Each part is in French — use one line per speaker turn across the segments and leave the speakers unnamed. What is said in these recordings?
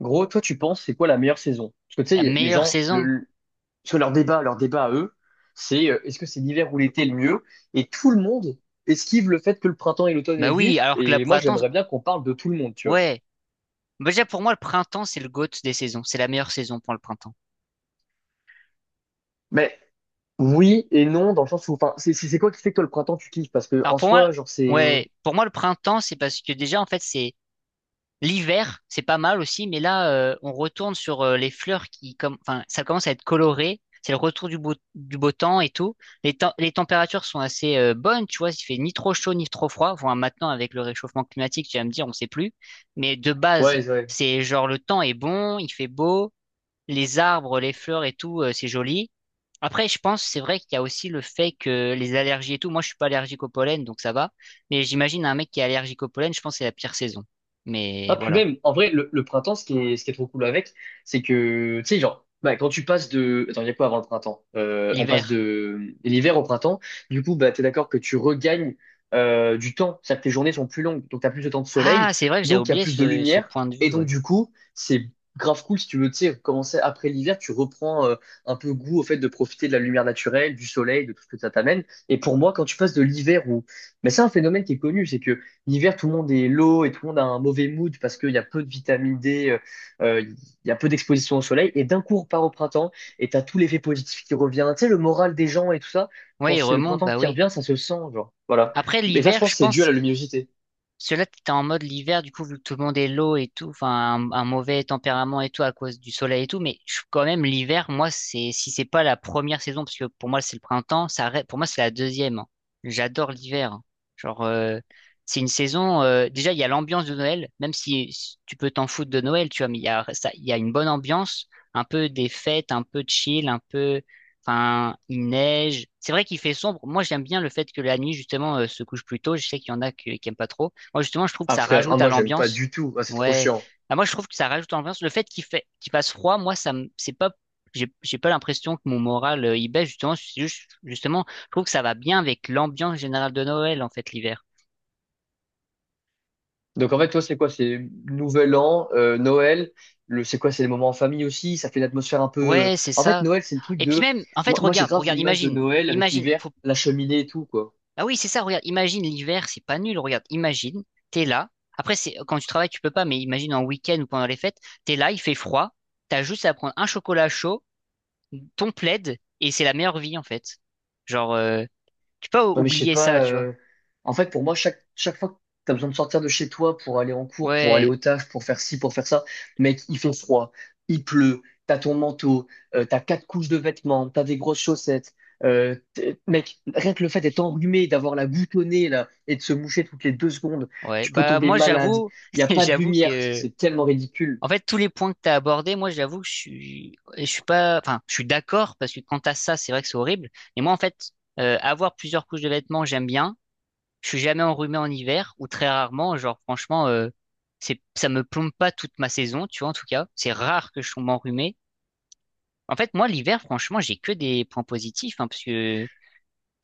Gros, toi, tu penses c'est quoi la meilleure saison? Parce que tu
La
sais, les
meilleure
gens,
saison?
sur leur débat à eux, c'est est-ce que c'est l'hiver ou l'été le mieux? Et tout le monde esquive le fait que le printemps et l'automne
Bah oui,
existent.
alors que la
Et moi,
printemps,
j'aimerais bien qu'on parle de tout le monde, tu vois.
ouais. Bah déjà pour moi le printemps c'est le GOAT des saisons, c'est la meilleure saison pour le printemps.
Mais oui et non, dans le sens où, enfin, c'est quoi qui fait que toi, le printemps, tu kiffes? Parce que
Alors
en
pour moi,
soi, genre, c'est.
ouais, pour moi le printemps c'est parce que déjà en fait c'est l'hiver, c'est pas mal aussi, mais là on retourne sur les fleurs qui comme, enfin ça commence à être coloré, c'est le retour du beau temps et tout. Les températures sont assez bonnes, tu vois, il fait ni trop chaud ni trop froid. Enfin maintenant avec le réchauffement climatique tu vas me dire on sait plus, mais de base
Ouais, ouais.
c'est genre le temps est bon, il fait beau. Les arbres, les fleurs et tout, c'est joli. Après, je pense, c'est vrai qu'il y a aussi le fait que les allergies et tout, moi je suis pas allergique au pollen, donc ça va. Mais j'imagine un mec qui est allergique au pollen, je pense que c'est la pire saison. Mais
Ah, puis
voilà.
même, en vrai, le printemps, ce qui est trop cool avec, c'est que, tu sais, genre, bah, quand tu passes de... Attends, il y a quoi avant le printemps? On passe
L'hiver.
de l'hiver au printemps. Du coup, bah, t'es d'accord que tu regagnes du temps. C'est-à-dire que tes journées sont plus longues, donc t'as plus de temps de
Ah,
soleil,
c'est vrai que j'ai
donc il y a
oublié
plus de
ce
lumière.
point de vue,
Et donc,
ouais.
du coup, c'est grave cool si tu veux, tu sais, commencer après l'hiver, tu reprends un peu goût au fait de profiter de la lumière naturelle, du soleil, de tout ce que ça t'amène. Et pour moi, quand tu passes de l'hiver où... Mais c'est un phénomène qui est connu, c'est que l'hiver, tout le monde est low et tout le monde a un mauvais mood parce qu'il y a peu de vitamine D, il y a peu d'exposition au soleil. Et d'un coup, on part au printemps et t'as tout l'effet positif qui revient. Tu sais, le moral des gens et tout ça,
Ouais,
quand
il
c'est le
remonte,
printemps
bah
qui
oui.
revient, ça se sent, genre. Voilà.
Après,
Mais ça, je
l'hiver,
pense,
je
c'est dû à
pense,
la luminosité.
cela t'es en mode l'hiver, du coup, vu que tout le monde est low et tout, enfin, un mauvais tempérament et tout à cause du soleil et tout, mais je, quand même, l'hiver, moi, c'est, si c'est pas la première saison, parce que pour moi, c'est le printemps, pour moi, c'est la deuxième, hein. J'adore l'hiver, hein. Genre, c'est une saison, déjà, il y a l'ambiance de Noël, même si tu peux t'en foutre de Noël, tu vois, mais il y a, ça, il y a une bonne ambiance, un peu des fêtes, un peu chill, un peu, enfin, il neige. C'est vrai qu'il fait sombre. Moi, j'aime bien le fait que la nuit, justement, se couche plus tôt. Je sais qu'il y en a qui aiment pas trop. Moi, justement, je trouve que
Ah,
ça
frère, ah,
rajoute à
moi, j'aime pas
l'ambiance.
du tout. Ah, c'est trop
Ouais.
chiant.
Ah, moi, je trouve que ça rajoute à l'ambiance. Le fait, qu'il passe froid, moi, ça me, c'est pas, j'ai pas l'impression que mon moral, il baisse, justement. Justement, je trouve que ça va bien avec l'ambiance générale de Noël, en fait, l'hiver.
Donc, en fait, toi, c'est quoi? C'est Nouvel An, Noël. Le, c'est quoi? C'est les moments en famille aussi. Ça fait une atmosphère un peu.
Ouais, c'est
En fait,
ça.
Noël, c'est le truc
Et puis
de.
même, en fait,
Moi, j'ai
regarde,
grave
regarde,
l'image de
imagine,
Noël avec
imagine.
l'hiver,
Faut.
la cheminée et tout, quoi.
Ah oui, c'est ça, regarde, imagine l'hiver, c'est pas nul, regarde, imagine, t'es là. Après, c'est, quand tu travailles, tu peux pas, mais imagine en week-end ou pendant les fêtes, t'es là, il fait froid, t'as juste à prendre un chocolat chaud, ton plaid et c'est la meilleure vie en fait. Genre, tu peux pas
Ouais, mais je sais
oublier ça,
pas.
tu vois.
En fait, pour moi, chaque fois que tu as besoin de sortir de chez toi pour aller en cours, pour aller
Ouais,
au taf, pour faire ci, pour faire ça, mec, il fait froid, il pleut, t'as ton manteau, t'as quatre couches de vêtements, t'as des grosses chaussettes. Mec, rien que le fait d'être enrhumé, d'avoir la goutte au nez là, et de se moucher toutes les deux secondes,
ouais.
tu peux
Bah
tomber
moi
malade.
j'avoue,
Il n'y a pas de
j'avoue
lumière,
que
c'est tellement ridicule.
en fait tous les points que t'as abordés, moi j'avoue que je suis pas, enfin je suis d'accord parce que quand t'as ça, c'est vrai que c'est horrible. Mais moi en fait, avoir plusieurs couches de vêtements, j'aime bien. Je suis jamais enrhumé en hiver ou très rarement. Genre franchement, c'est, ça me plombe pas toute ma saison, tu vois en tout cas. C'est rare que je sois m'enrhumé. En fait, moi, l'hiver, franchement, j'ai que des points positifs, hein, parce que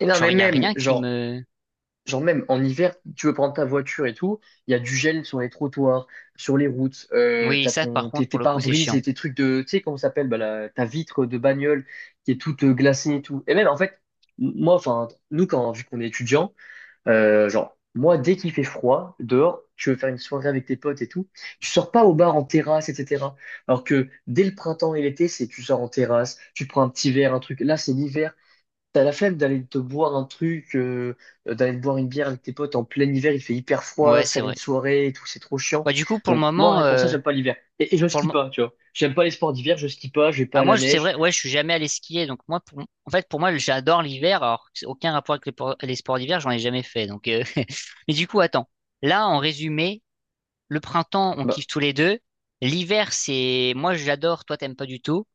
Et non,
genre,
mais
il y a
même,
rien qui
genre.
me.
Genre même en hiver, tu veux prendre ta voiture et tout, il y a du gel sur les trottoirs, sur les routes,
Oui,
t'as
ça, par contre, pour
tes
le coup, c'est
pare-brise
chiant.
et tes trucs de, tu sais comment ça s'appelle, bah, ta vitre de bagnole qui est toute glacée et tout. Et même en fait, nous quand, vu qu'on est étudiant, genre, moi dès qu'il fait froid dehors, tu veux faire une soirée avec tes potes et tout, tu sors pas au bar en terrasse, etc. Alors que dès le printemps et l'été, c'est tu sors en terrasse, tu prends un petit verre, un truc. Là, c'est l'hiver. T'as la flemme d'aller te boire un truc, d'aller te boire une bière avec tes potes en plein hiver, il fait hyper
Ouais,
froid,
c'est
faire une
vrai.
soirée et tout, c'est trop chiant.
Ouais, du coup, pour le
Donc moi,
moment,
rien que pour ça, j'aime pas l'hiver. Et je
pour le...
skie
mo-
pas, tu vois. J'aime pas les sports d'hiver, je skie pas, je vais pas à la
C'est
neige.
vrai, ouais, je suis jamais allé skier. Donc, moi, en fait, pour moi, j'adore l'hiver, alors que c'est aucun rapport avec les sports d'hiver, j'en ai jamais fait. Donc, mais du coup, attends. Là, en résumé, le printemps, on
Bah,
kiffe tous les deux. L'hiver, moi, j'adore, toi, t'aimes pas du tout.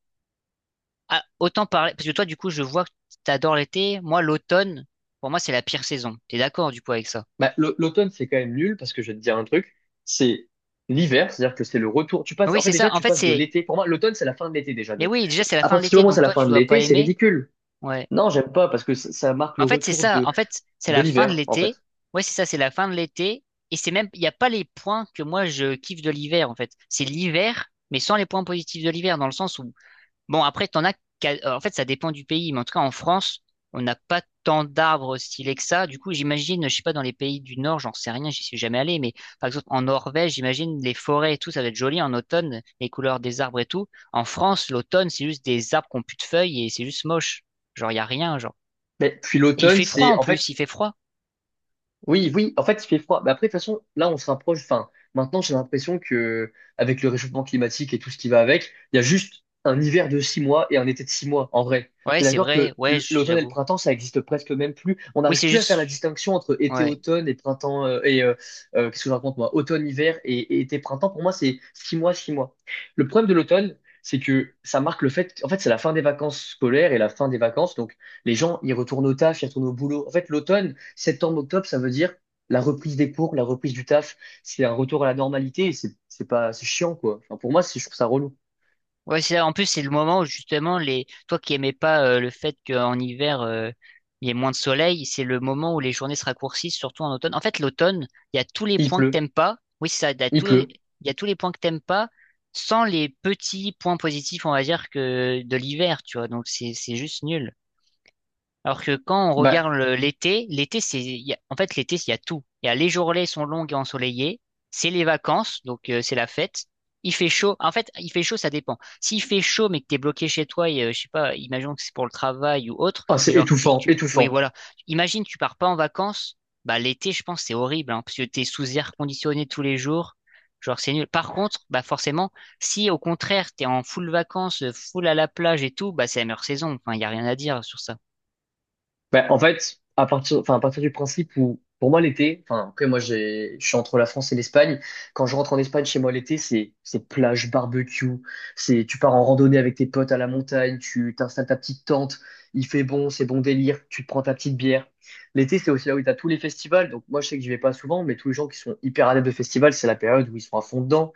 Ah, autant parce que toi, du coup, je vois que t'adores l'été. Moi, l'automne, pour moi, c'est la pire saison. T'es d'accord, du coup, avec ça?
L'automne, c'est quand même nul, parce que je vais te dire un truc, c'est l'hiver, c'est-à-dire que c'est le retour. Tu passes,
Oui,
en
c'est
fait,
ça.
déjà,
En
tu
fait,
passes de
c'est...
l'été. Pour moi, l'automne, c'est la fin de l'été déjà.
Mais
Donc,
oui, déjà, c'est la
à
fin de
partir du
l'été,
moment où
donc
c'est la
toi,
fin
tu
de
dois pas
l'été, c'est
aimer.
ridicule.
Ouais.
Non, j'aime pas, parce que ça marque
Mais
le
en fait, c'est
retour
ça. En fait, c'est
de
la fin de
l'hiver, en
l'été.
fait.
Ouais, c'est ça, c'est la fin de l'été. Et c'est même, il n'y a pas les points que moi, je kiffe de l'hiver, en fait. C'est l'hiver, mais sans les points positifs de l'hiver, dans le sens où bon, après, t'en as. En fait, ça dépend du pays, mais en tout cas, en France, on n'a pas tant d'arbres stylés que ça. Du coup, j'imagine, je sais pas, dans les pays du Nord, j'en sais rien, j'y suis jamais allé, mais par exemple, en Norvège, j'imagine les forêts et tout, ça va être joli en automne, les couleurs des arbres et tout. En France, l'automne, c'est juste des arbres qui ont plus de feuilles et c'est juste moche. Genre, il y a rien, genre.
Mais puis
Et il
l'automne,
fait froid
c'est
en
en
plus,
fait
il fait froid.
oui, oui, en fait, il fait froid. Mais après, de toute façon, là, on se rapproche. Enfin, maintenant, j'ai l'impression que, avec le réchauffement climatique et tout ce qui va avec, il y a juste un hiver de six mois et un été de six mois, en vrai.
Ouais,
T'es
c'est
d'accord
vrai,
que
ouais,
l'automne et le
j'avoue.
printemps, ça existe presque même plus. On
Oui,
n'arrive
c'est
plus à faire
juste.
la distinction entre
Ouais.
été-automne et printemps, qu'est-ce que je raconte, moi? Automne-hiver et été-printemps. Pour moi, c'est six mois, six mois. Le problème de l'automne, c'est que ça marque le fait, en fait, c'est la fin des vacances scolaires et la fin des vacances. Donc, les gens, ils retournent au taf, ils retournent au boulot. En fait, l'automne, septembre-octobre, ça veut dire la reprise des cours, la reprise du taf. C'est un retour à la normalité et c'est pas, c'est chiant, quoi. Enfin, pour moi, je trouve ça relou.
Ouais, c'est ça. En plus c'est le moment où justement les toi qui aimais pas le fait qu'en hiver il y ait moins de soleil, c'est le moment où les journées se raccourcissent, surtout en automne. En fait, l'automne, il y a tous les
Il
points que
pleut,
t'aimes pas. Oui, c'est ça, il y a
il
tous les
pleut.
il y a tous les points que t'aimes pas sans les petits points positifs, on va dire que de l'hiver, tu vois. Donc c'est juste nul. Alors que quand on regarde
Bah,
l'été, c'est, il y a- en fait, l'été, il y a tout. Il y a les journées sont longues et ensoleillées, c'est les vacances, donc c'est la fête. Il fait chaud. En fait, il fait chaud, ça dépend. S'il fait chaud, mais que t'es bloqué chez toi, et, je sais pas, imaginons que c'est pour le travail ou autre,
ah,
mais
c'est
genre,
étouffant,
tu, oui,
étouffant.
voilà. Imagine, tu pars pas en vacances, bah l'été, je pense, c'est horrible, hein, parce que t'es sous air conditionné tous les jours. Genre, c'est nul. Par contre, bah forcément, si au contraire, t'es en full vacances, full à la plage et tout, bah c'est la meilleure saison. Enfin, il y a rien à dire sur ça.
Ben, en fait, à partir, enfin, à partir du principe où, pour moi, l'été, enfin, après, je suis entre la France et l'Espagne. Quand je rentre en Espagne, chez moi, l'été, c'est plage, barbecue, c'est, tu pars en randonnée avec tes potes à la montagne, tu t'installes ta petite tente, il fait bon, c'est bon délire, tu te prends ta petite bière. L'été, c'est aussi là où tu as tous les festivals. Donc, moi, je sais que j'y vais pas souvent, mais tous les gens qui sont hyper adeptes de festivals, c'est la période où ils sont à fond dedans.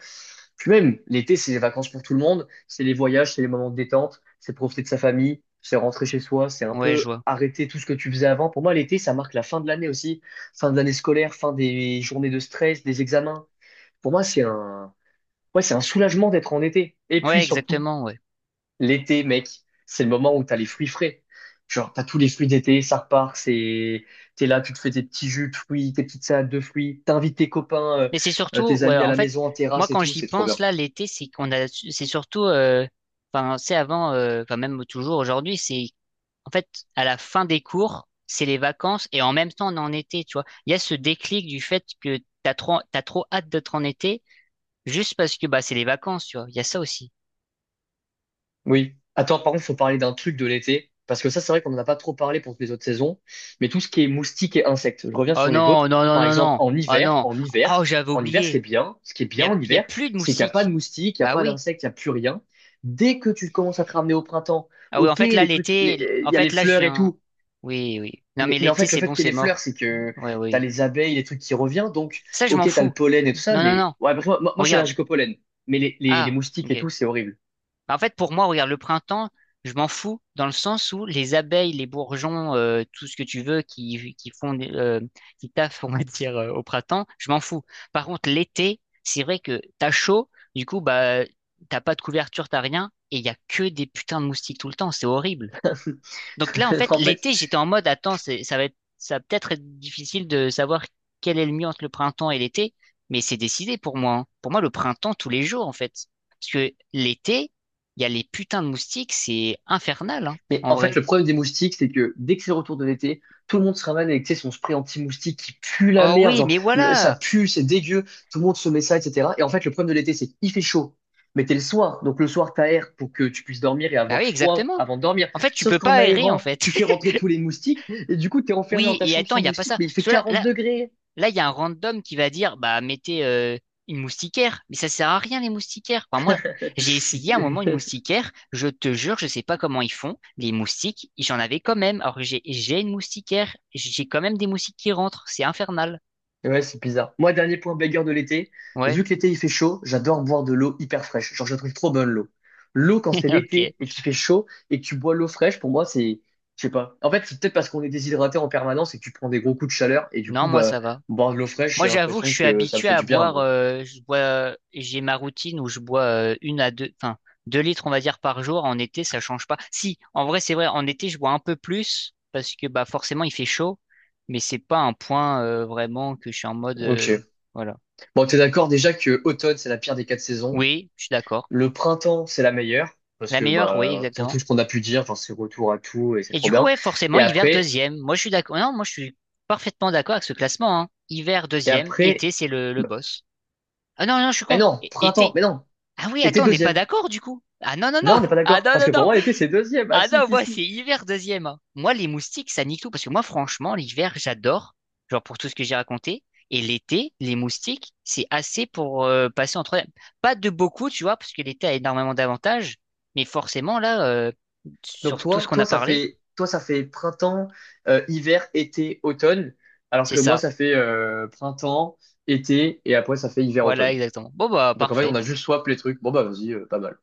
Puis même, l'été, c'est les vacances pour tout le monde. C'est les voyages, c'est les moments de détente, c'est profiter de sa famille, c'est rentrer chez soi, c'est un
Ouais, je
peu
vois.
arrêter tout ce que tu faisais avant. Pour moi, l'été, ça marque la fin de l'année aussi, fin de l'année scolaire, fin des journées de stress, des examens. Pour moi, ouais, c'est un soulagement d'être en été. Et puis
Ouais,
surtout,
exactement, ouais.
l'été, mec, c'est le moment où t'as les fruits frais. Genre, t'as tous les fruits d'été, ça repart, c'est, t'es là, tu te fais tes petits jus de fruits, tes petites salades de fruits, t'invites tes copains,
Mais c'est surtout,
tes
ouais,
amis à
en
la
fait,
maison en
moi
terrasse et
quand
tout,
j'y
c'est trop
pense
bien.
là, l'été, c'est qu'on a, c'est surtout, enfin, c'est avant, enfin même toujours aujourd'hui, c'est en fait à la fin des cours, c'est les vacances et en même temps on est en été, tu vois. Il y a ce déclic du fait que t'as trop hâte d'être en été juste parce que bah c'est les vacances, tu vois. Il y a ça aussi.
Oui. Attends, par contre, faut parler d'un truc de l'été, parce que ça, c'est vrai qu'on n'en a pas trop parlé pour toutes les autres saisons, mais tout ce qui est moustiques et insectes, je reviens
Oh
sur les autres.
non, non, non,
Par
non,
exemple,
non. Oh non. Oh j'avais
en hiver,
oublié.
ce qui est bien en
Il y a
hiver,
plus de
c'est qu'il n'y a pas de
moustiques.
moustiques, il n'y a
Bah
pas
oui.
d'insectes, il n'y a plus rien. Dès que tu commences à te ramener au printemps,
Ah oui, en
ok,
fait là l'été,
il
en
y a
fait
les
là je
fleurs et
viens.
tout,
Oui, oui. Non, mais
mais en
l'été,
fait, le
c'est
fait
bon,
qu'il y ait
c'est
les fleurs,
mort.
c'est que
Ouais,
t'as
oui.
les abeilles, les trucs qui reviennent, donc,
Ça, je m'en
ok, t'as
fous.
le pollen et tout ça,
Non, non,
mais
non.
ouais, parce que je suis
Regarde.
allergique au pollen, mais les
Ah,
moustiques et
ok.
tout, c'est horrible.
Bah, en fait, pour moi, regarde, le printemps, je m'en fous dans le sens où les abeilles, les bourgeons, tout ce que tu veux qui, font, qui taffent, on va dire, au printemps, je m'en fous. Par contre, l'été, c'est vrai que t'as chaud, du coup, bah, t'as pas de couverture, t'as rien, et il y a que des putains de moustiques tout le temps. C'est horrible. Donc là, en fait,
En fait,
l'été, j'étais en mode, attends, c'est, ça va être, ça va peut-être être difficile de savoir quel est le mieux entre le printemps et l'été, mais c'est décidé pour moi, hein. Pour moi, le printemps, tous les jours, en fait. Parce que l'été, il y a les putains de moustiques, c'est infernal, hein,
mais
en
en fait,
vrai.
le problème des moustiques, c'est que dès que c'est le retour de l'été, tout le monde se ramène avec, tu sais, son spray anti-moustique qui pue la
Oh
merde,
oui,
genre,
mais
ça
voilà!
pue, c'est dégueu, tout le monde se met ça, etc. Et en fait, le problème de l'été, c'est qu'il fait chaud, mais t'es le soir, donc le soir, t'aères pour que tu puisses dormir et
Bah oui,
avoir froid
exactement.
avant de dormir.
En fait, tu
Sauf
peux pas
qu'en
aérer, en
aérant,
fait.
tu fais rentrer tous les moustiques, et du coup, t'es enfermé dans
Oui,
ta
et
chambre
attends,
sans
il n'y a pas
moustiques,
ça.
mais il fait
Parce que là,
quarante
là,
degrés.
là, il y a un random qui va dire, bah, mettez une moustiquaire. Mais ça sert à rien, les moustiquaires. Enfin, moi, j'ai essayé à un moment une moustiquaire. Je te jure, je sais pas comment ils font. Les moustiques, j'en avais quand même. Alors que j'ai une moustiquaire. J'ai quand même des moustiques qui rentrent. C'est infernal.
Ouais, c'est bizarre. Moi, dernier point bagarre de l'été.
Ouais,
Vu que l'été il fait chaud, j'adore boire de l'eau hyper fraîche. Genre, je la trouve trop bonne l'eau. L'eau quand c'est
ok.
l'été et qu'il fait chaud et que tu bois l'eau fraîche, pour moi, je sais pas. En fait, c'est peut-être parce qu'on est déshydraté en permanence et que tu prends des gros coups de chaleur et du
Non,
coup,
moi,
bah,
ça va.
boire de l'eau fraîche,
Moi,
j'ai
j'avoue que je
l'impression
suis
que ça me
habitué
fait
à
du bien. Mais
boire, je bois, j'ai ma routine où je bois une à deux, enfin, 2 litres, on va dire, par jour. En été, ça change pas. Si, en vrai, c'est vrai, en été, je bois un peu plus parce que, bah, forcément, il fait chaud, mais c'est pas un point vraiment que je suis en mode,
ok.
voilà.
Bon, t'es d'accord déjà que automne c'est la pire des quatre saisons.
Oui, je suis d'accord.
Le printemps c'est la meilleure parce
La
que
meilleure, oui,
bah pour
exactement.
tout ce qu'on a pu dire, genre c'est retour à tout et c'est
Et
trop
du coup,
bien.
ouais, forcément,
Et
hiver
après,
deuxième. Moi, je suis d'accord. Non, moi, je suis parfaitement d'accord avec ce classement, hein. Hiver
et
deuxième,
après.
été, c'est le
bah,
boss. Ah non, non, je suis
Eh
con.
non, printemps,
Été.
mais non,
Ah oui,
était
attends, on n'est pas
deuxième.
d'accord du coup. Ah non, non, non.
Non, on n'est pas
Ah
d'accord.
non,
Parce
non,
que pour
non.
moi, été, c'est deuxième. Ah
Ah
si,
non,
si,
moi,
si.
c'est hiver deuxième, hein. Moi, les moustiques, ça nique tout. Parce que moi, franchement, l'hiver, j'adore. Genre pour tout ce que j'ai raconté. Et l'été, les moustiques, c'est assez pour passer en troisième. Pas de beaucoup, tu vois, parce que l'été a énormément d'avantages. Mais forcément, là,
Donc
sur tout ce qu'on a parlé,
toi, ça fait printemps, hiver, été, automne. Alors
c'est
que moi,
ça.
ça fait printemps, été, et après, ça fait hiver,
Voilà,
automne.
exactement. Bon, bah,
Donc en fait, on
parfait.
a juste swap les trucs. Bon, bah vas-y, pas mal.